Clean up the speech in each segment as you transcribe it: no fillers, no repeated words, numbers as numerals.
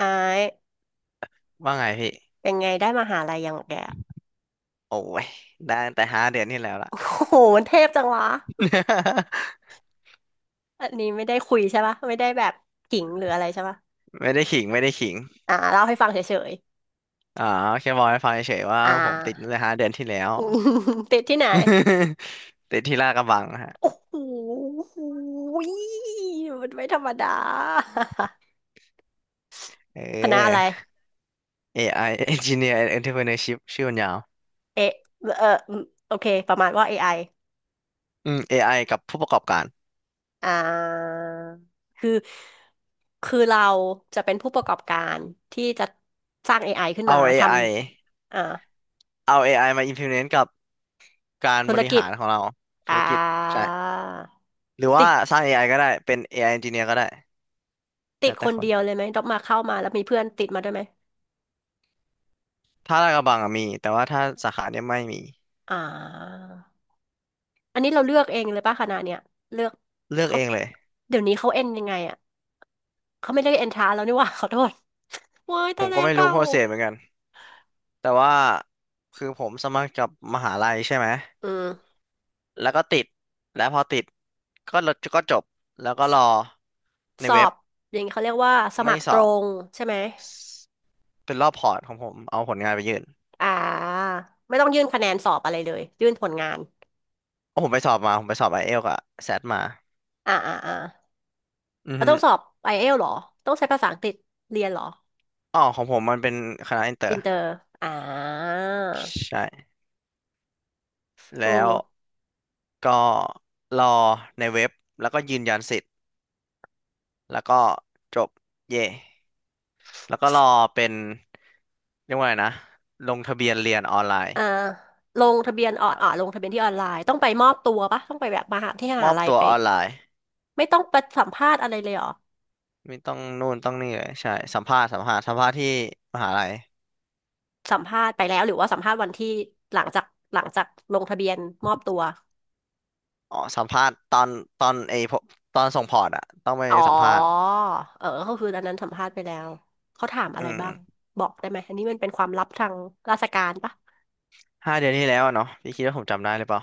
อายว่าไงพี่ เป็นไงได้มหาลัยยังแกอะโอ้ยได้ตั้งแต่ห้าเดือนที่แล้วล่ะ โอ้โหมันเทพจังวะ อันนี้ไม่ได้คุยใช่ปะ ไม่ได้แบบขิงหรืออะไรใช่ปะ ไม่ได้ขิงไม่ได้ขิงอ่าเล่าให้ฟังเฉยอ๋อแค่บอกให้ฟังเฉยๆว่าๆ ผมติดตั้งแต่ห้าเดือนที่แล้ว อืมติดที่ไหน ติดที่ลาดกระบังฮะโอ้โหมันไม่ธรรมดา เคณะอะไร ออ AI Engineer and Entrepreneurship ชื่อมันยาวเอะเอออืมโอเค ประมาณว่า AI อไออืม AI กับผู้ประกอบการ อ่า คือ คือเราจะเป็นผู้ประกอบการที่จะสร้าง AI ขึ้นเอา มาท AI ำ เอา AI มา implement กับการธุบรริกิหาจ รของเราธุอ่รกิจ าใช่ หรือติว่าสร้าดง AI ก็ได้ เป็น AI Engineer ก็ได้ติแล้ดวคแต่นคนเดียวเลยไหมด็อกมาเข้ามาแล้วมีเพื่อนติดมาด้วยไหมถ้าลาดกระบังอะมีแต่ว่าถ้าสาขาเนี่ยไม่มีอ่าอันนี้เราเลือกเองเลยป่ะคณะเนี่ยเลือกเลือกเขาเองเลย เดี๋ยวนี้เขาเอ็นยังไงอ่ะเขาไม่ได้เอ็นทรานแล้วนี่หว่า ขอโทษเว้ยผตายมก็แล้วไม่รู้เก่าโปรเซสเหมือนกันแต่ว่าคือผมสมัครกับมหาลัยใช่ไหมอืมแล้วก็ติดแล้วพอติดก็ลดก็จบแล้วก็สรอในอเว็บบอย่างนี้เขาเรียกว่าสมัไม่ครสตอรบงใช่ไหมเป็นรอบพอร์ตของผมเอาผลงานไปยื่นอ่าไม่ต้องยื่นคะแนนสอบอะไรเลยยื่นผลงานโอ้ผมไปสอบมาผมไปสอบไอเอลกับแซดมาอ่าอ่าอ่าอือเราฮึต้องสอบไอเอลหรอต้องใช้ภาษาอังกฤษเรียนเหรออ๋อของผมมันเป็นคณะอินเตออิร์นเตอร์อ่าใช่โอ้ แล้วก็รอในเว็บแล้วก็ยืนยันสิทธิ์แล้วก็จบเย่ แล้วก็รอเป็นเรียกว่าไงนะลงทะเบียนเรียนออนไลน์อ่าลอ่ะงทะเบียนที่ออนไลน์ต้องไปมอบตัวปะต้องไปแบบมหาที่มมหาอบลัยตัวไปออนไลน์ไม่ต้องไปสัมภาษณ์อะไรเลยเหรอไม่ต้องนู่นต้องนี่เลยใช่สัมภาษณ์สัมภาษณ์ที่มหาลัยสัมภาษณ์ไปแล้วหรือว่าสัมภาษณ์วันที่หลังจากหลังจากลงทะเบียนมอบตัวอ๋อสัมภาษณ์ตอนไอพกตอนส่งพอร์ตอะต้องไปอ๋อสัมภาษณ์เออก็คืออันนั้นสัมภาษณ์ไปแล้วเขาถามอะอืไรบ้างมบอกได้ไหมอันนี้มันเป็นความลับทางราชการปะ ห้าเดือนที่แล้วอะเนาะพี่คิดว่าผมจำได้หรือเปล่า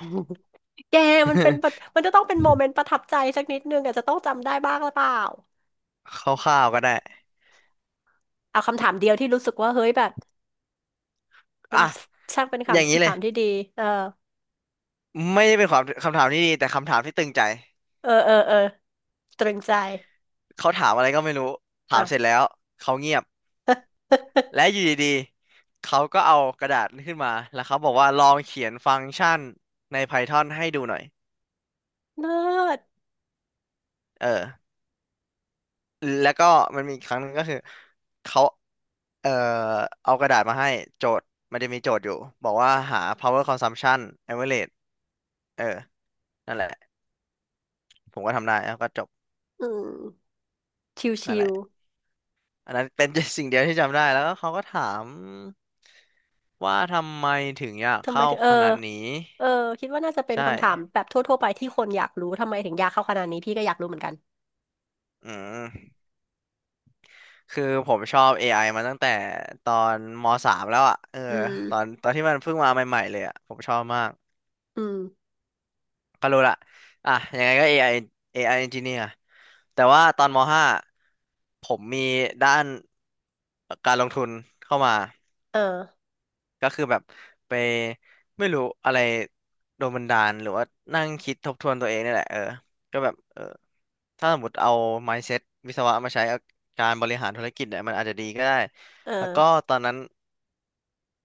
แกมันเป็นประมันจะต้องเป็นโมเมนต์ประทับใจสักนิดนึงอาจจะต้องจำได้บ้างหรือเปล่า คร่าวๆก็ได้เอาคำถามเดียวที่รู้สึกว่าเฮ้ยแบบมัอ่ะนช่างเป็นอย่างนี้คำเลถายมที่ดีเออ ไม่ได้เป็นความคำถามที่ดีแต่คำถามที่ตึงใจเออเออเออตรึงใจเขาถามอะไรก็ไม่รู้ถาอ่ะ มเสร็จแล้วเขาเงียบ และอยู่ดีๆเขาก็เอากระดาษขึ้นมาแล้วเขาบอกว่าลองเขียนฟังก์ชันใน Python ให้ดูหน่อย เลิศเออ แล้วก็มันมีอีกครั้งหนึงก็คือเขา เอ่อเอากระดาษมาให้โจทย์มันจะมีโจทย์อยู่บอกว่าหา power consumption average เออนั่นแหละผมก็ทำได้แล้วก็จบอืมชนั่ินแหวละอันนั้นเป็น สิ่งเดียวที่จำได้แล้วก็เขาก็ถามว่าทำไมถึงอยากๆทำไมเข้าถึงเอคอณะนี้เออคิดว่าน่าจะเป็นใช่คำถามแบบทั่วๆไปที่คนอยากรู้ทำไมถึงยากเข้าขนาดนี้พี่ก็อยากรู้เหมือนกันอืม คือผมชอบ AI มาตั้งแต่ตอนมสามแล้วอ่ะเอออืมตอนที่มันเพิ่งมาใหม่ๆเลยอ่ะผมชอบมากอืมก็รู้ละอ่ะยังไงก็ AI Engineer แต่ว่าตอนมห้าผมมีด้านการลงทุนเข้ามาเออก็คือแบบไปไม่รู้อะไรโดนบันดาลหรือว่านั่งคิดทบทวนตัวเองนี่แหละเออก็แบบเออถ้าสมมติเอา mindset วิศวะมาใช้กับการบริหารธุรกิจเนี่ยมันอาจจะดีก็ได้เอแล้วก็อตอนนั้น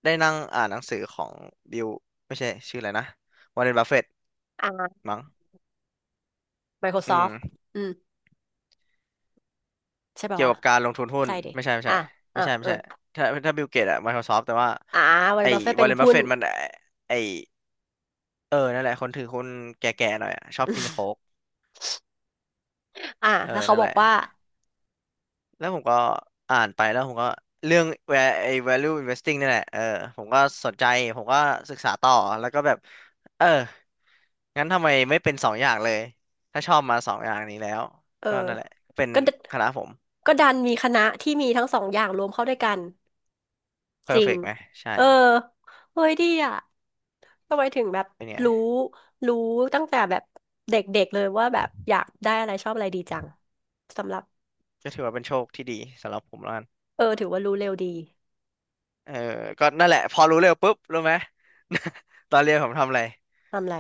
ได้นั่งอ่านหนังสือของบิลไม่ใช่ชื่ออะไรนะวอร์เรนบัฟเฟตอ่า มั้งอื Microsoft มอืมใช่ป่าวเกี่ยววะกับการลงทุนหุ้นใช่ดิไม่ใช่อ่ะไม่อ่ะใช่เออถ้าบิลเกตอะ Microsoft แต่ว่าอ่าวันไอ้บัฟเฟตวเป็อนร์เรนบัหุ้ฟเฟน ตมันไอ้ไอ้เออนั่นแหละคนถือหุ้นแก่ๆหน่อยอะชอบกินโค้ก อ่าเออแล้วเขานั่นบแหอกละ ว่าแล้วผมก็อ่านไปแล้วผมก็เรื่อง where ไอ้ value investing นี่แหละเออผมก็สนใจผมก็ศึกษาต่อแล้วก็แบบเอองั้นทำไมไม่เป็นสองอย่างเลยถ้าชอบมาสองอย่างนี้แล้วเออก็นั่นแหละเป็นก็ดคณะผม ก็ดันมีคณะที่มีทั้งสองอย่างรวมเข้าด้วยกัน จริง perfect ไหมใช่เออเฮ้ยดีอ่ะทำไมถึงแบบเป็นรู้ไงรู้ตั้งแต่แบบเด็กๆเลยว่าแบบอยากได้อะไรชอบอะไรดีจังสำหรับก็ถือว่าเป็นโชคที่ดีสำหรับผมแล้วกันเออถือว่ารู้เร็วดีเออก็นั่นแหละพอรู้เร็วปุ๊บรู้ไหม ตอนเรียนผมทำอะไรทำอะไร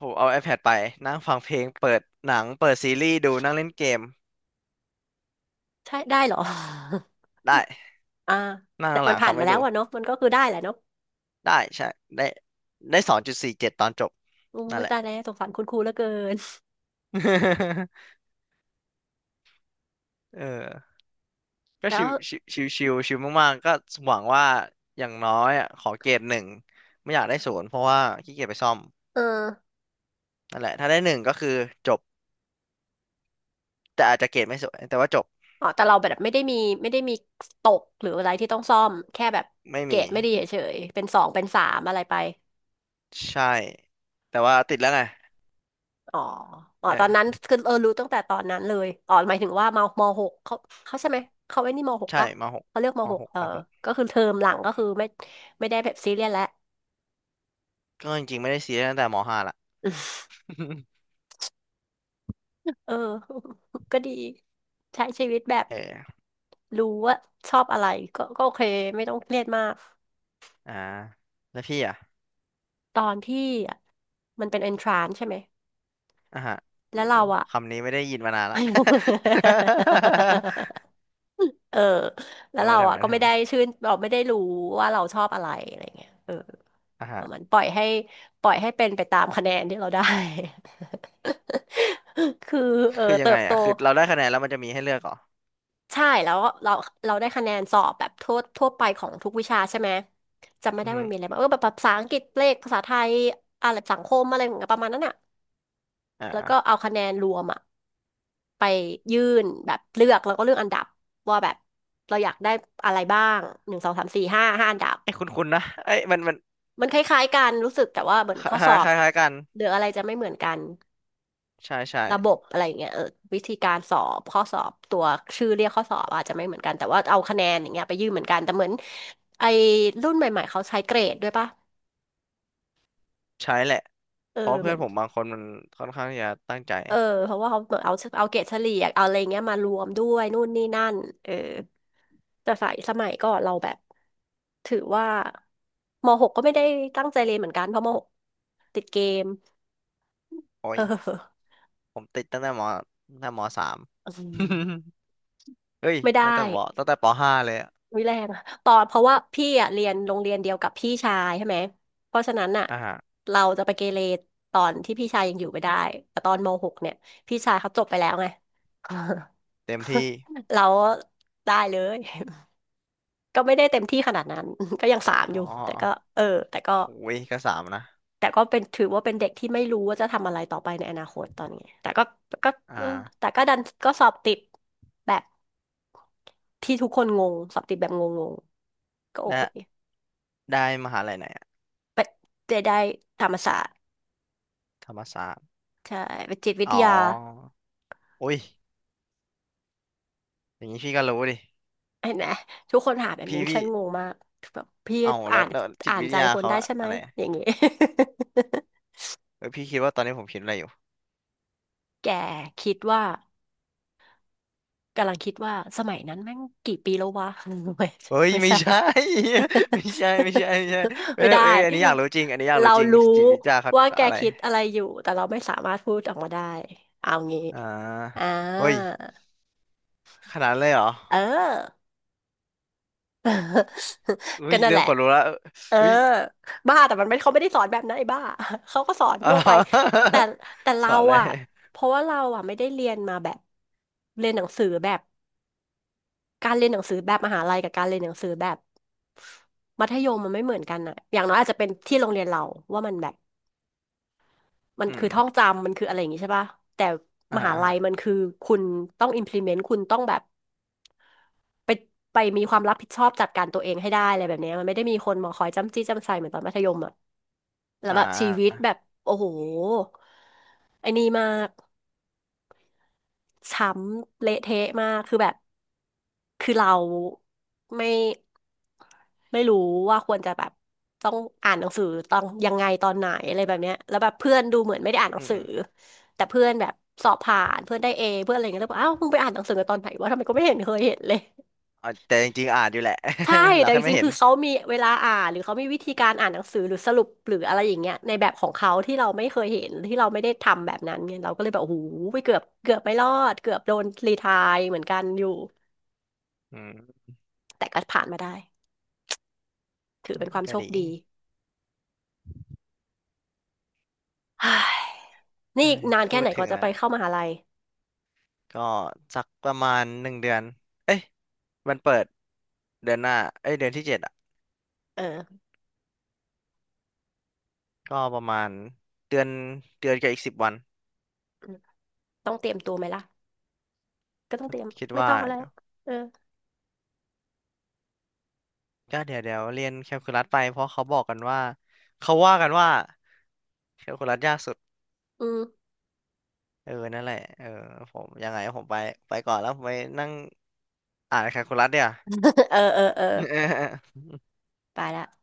ผมเอา iPad ไปนั่งฟังเพลงเปิดหนังเปิดซีรีส์ดูนั่งเล่นเกมใช่ได้เหรอ ได้ อ่านั่งแต่ข้างหมัลันงผ่านเขามาไม่แล้ดู วอะเนาะมันก็คือได้แหละเนาะได้ใช่ได้ได้2.47ตอนจบอู้นั่นยแหละ ตายแล้วสงสารคุณครูเหลือเกิน เออ ก็แต่ว่าชิวมากๆก็หวังว่าอย่างน้อยอ่ะขอเกรดหนึ่งไม่อยากได้ศูนย์เพราะว่าขี้เกียจไปซ่อมเออนั่นแหละถ้าได้หนึ่งก็คือจบแต่อาจจะเกรดไม่สวยแต่ว่าจบแต่เราแบบไม่ได้มีตกหรืออะไรที่ต้องซ่อมแค่แบบไม่เกรมีดไม่ดีเฉยๆเป็นสองเป็นสามอะไรไป ใช่แต่ว่าติดแล้วไงอ๋ออ๋อ เอตอนนั้นอคือเออรู้ตั้งแต่ตอนนั้นเลยอ๋อหมายถึงว่าหกเขาใช่ไหมเขาไอ้นี่มหกใช่ปะมหกเขาเรียกมหกเออมหกก็คือเทอมหลังก็คือไม่ได้แบบซีเรียสแล้ว ก็จริงๆไม่ได้ซีเรียสตั้งแต่มห้าละ เออ ก็ดีใช้ชีวิตแบบเออรู้ว่าชอบอะไรก็โอเคไม่ต้องเครียดมากอ่าแล้วพี่อ่ะ ตอนพี่อ่ะมันเป็นเอนทรานใช่ไหมอ่ะฮะแล้โอ้วเราอ่ะ คำนี้ไม่ได้ยินมานานละ เออแล้วเราอ่ะก็ไม่ทำไมได้ชื่นเราไม่ได้รู้ว่าเราชอบอะไรอะไรเงี้ยเอออ่ะปฮะระมันปล่อยให้ปล่อยให้เป็นไปตามคะแนนที่เราได้ คือเออคือยัเติงไงบโตอ่ะคือเราได้คะแนนแล้วมันจะมีให้เลือกเหรอใช่แล้วเราได้คะแนนสอบแบบทั่วไปของทุกวิชาใช่ไหมจำไม่อืได้อฮึมันมีอะไรบ้างเออแบบภาษาอังกฤษเลขภาษาไทยอะไรสังคมอะไรอย่างเงี้ยประมาณนั้นอ่ะ อแล้วก็่าเอาคะแนนรวมอะไปยื่นแบบเลือกแล้วก็เลือกอันดับว่าแบบเราอยากได้อะไรบ้างหนึ่งสองสามสี่ห้าห้าอันดับเอ้ยคุ้นๆนะเอ้ยมันมันคล้ายๆกันรู้สึกแต่ว่าเหมือนข้อสอบคล้ายกันหรืออะไรจะไม่เหมือนกันใช่ระบบอะไรอย่างเงี้ยเออวิธีการสอบข้อสอบตัวชื่อเรียกข้อสอบอาจจะไม่เหมือนกันแต่ว่าเอาคะแนนอย่างเงี้ยไปยื่นเหมือนกันแต่เหมือนไอ้รุ่นใหม่ๆเขาใช้เกรดด้วยปะใช่แหละเออเพราะเหเพื่มืออนน ผมบางคนมันค่อนข้างที่จะตั้งใจเออเพราะว่าเขาเหมือนเอาเอาเกรดเฉลี่ยเอาอะไรเงี้ยมารวมด้วยนู่นนี่นั่นเออแต่สายสมัยก่อนเราแบบถือว่ามหกก็ไม่ได้ตั้งใจเรียนเหมือนกันเพราะมหกติดเกมโอ้เอยอผมติดตั้งแต่มสาม อืม เฮ้ยไม่ได้ตั้งแต่ปห้าเลยอะวิแรงอะตอนเพราะว่าพี่อ่ะเรียนโรงเรียนเดียวกับพี่ชายใช่ไหมเพราะฉะนั้นอ่ะอ่าฮะเราจะไปเกเรตอนที่พี่ชายยังอยู่ไม่ได้แต่ตอนมหกเนี่ยพี่ชายเขาจบไปแล้วไง เต็มที่ เราได้เลย ก็ไม่ได้เต็มที่ขนาดนั้น ก็ยังสามออ๋อยู่แต่ก็เออแต่ก็โอ้ยก็สามนะแต่ก็เป็นถือว่าเป็นเด็กที่ไม่รู้ว่าจะทำอะไรต่อไปในอนาคตตอนนี้แต่ก็ก็อ่าเออแต่ก็ดันก็สอบติดแบบที่ทุกคนงงสอบติดแบบงงๆก็โอได้เคได้มหาลัยไหน ไปเจได้ธรรมศาสตร์ธรรมศาสตร์ใช่ไปจิตวิอ๋ทยาออุ้ยอย่างนี้พี่ก็รู้ดิเห็นไหมทุกคนถามแบบนี้พี่ฉัพี่นงงมากแบบพี่เอ้าอ่านแล้วจิตอ่านวิทใจยาคนเขาได้ใช่ไหมอะไรอะอย่างงี้ เออพี่คิดว่าตอนนี้ผมคิดอะไรอยู่แกคิดว่า กำลังคิดว่าสมัยนั้นแม่งกี่ปีแล้ววะ ไม่เฮ้ยไม่ไม่ใช่ ใช่ ไม่ใช่ไม่ใช่ไม่ใช่ เอ้ไม่ยได้อันนี้อยากรู้จริงอันนี้อยากเรารู้จริงรู้จิตวิทยาเขาว่าแกอะไรคิดอะไรอยู่แต่เราไม่สามารถพูดออกมาได้เอางี้อ่าอ่าเฮ้ยขนาดนั้นเลยเหรอเออ เฮ้ก็ยนั่นเริ่แหมละขนลุกแล้วเออเฮ้ยบ้าแต่มันไม่เขาไม่ได้สอนแบบนั้นไอ้บ้า เขาก็สอนอ๋อ ทั่วไปแต่สเราอนอะไรอะเพราะว่าเราอะไม่ได้เรียนมาแบบเรียนหนังสือแบบ การเรียนหนังสือแบบมหาลัยกับการเรียนหนังสือแบบมัธยมมันไม่เหมือนกันอะอย่างน้อยอาจจะเป็นที่โรงเรียนเราว่ามันแบบมันอืคืมอท่องจำมันคืออะไรอย่างงี้ใช่ป่ะแต่อ่ามหาลัฮะยมันคือคุณต้อง implement คุณต้องแบบไปไปมีความรับผิดชอบจัดการตัวเองให้ได้อะไรแบบเนี้ยมันไม่ได้มีคนมาคอยจ้ำจี้จ้ำไซเหมือนตอนมัธยมอะแล้วอ่แบบชีวิตาแบบโอ้โหไอ้นี่มาก ช้ำเละเทะมากคือแบบคือเราไม่ไม่รู้ว่าควรจะแบบต้องอ่านหนังสือต้องยังไงตอนไหนอะไรแบบเนี้ยแล้วแบบเพื่อนดูเหมือนไม่ได้อ่านหนัอืงมสือแต่เพื่อนแบบสอบผ่านเพื่อนได้เอเพื่อนอะไรเงี้ยแล้วบอกอ้าวมึงไปอ่านหนังสือกันตอนไหนวะทำไมก็ไม่เห็นเคยเห็นเลย อ่าแต่จริงๆอ่านอยู่แหละ ใช่ เราแต่จแค่ไม่ริงๆเห็คืนอเขามีเวลาอ่านหรือเขามีวิธีการอ่านหนังสือหรือสรุปหรืออะไรอย่างเงี้ยในแบบของเขาที่เราไม่เคยเห็นที่เราไม่ได้ทำแบบนั้นเนี่ยเราก็เลยแบบโอ้โหไปเกือบไม่รอดเกือบโดนรีไทร์เหมือนกันอยู่อืมแต่ก็ผ่านมาได้ถือเป็นความก็โชคดี ดี เฮ้ยนี่อีได้กนานแค่พูไหดนกถึงว่าจะไปแล้วเข้ามหาลัยก็สักประมาณ1 เดือนเอ้ยมันเปิดเดือนหน้าเอ้ยเดือนที่ 7อ่ะเออก็ประมาณเดือนเดือนกับอีก10 วันอืมต้องเตรียมตัวไหมล่ะก็ต้องเตรียมคิดไม่ว่าต้องแล้วเออก็เดี๋ยวเรียนแคลคูลัสไปเพราะเขาบอกกันว่าเขาว่ากันว่าแคลคูลัสยากสุดอืม เออนั่นแหละเออผมยังไงผมไปไปก่อนแล้วผมไปนั่งอ่านแคลคูลัสเดี๋ยว เออเออเออา ไปละ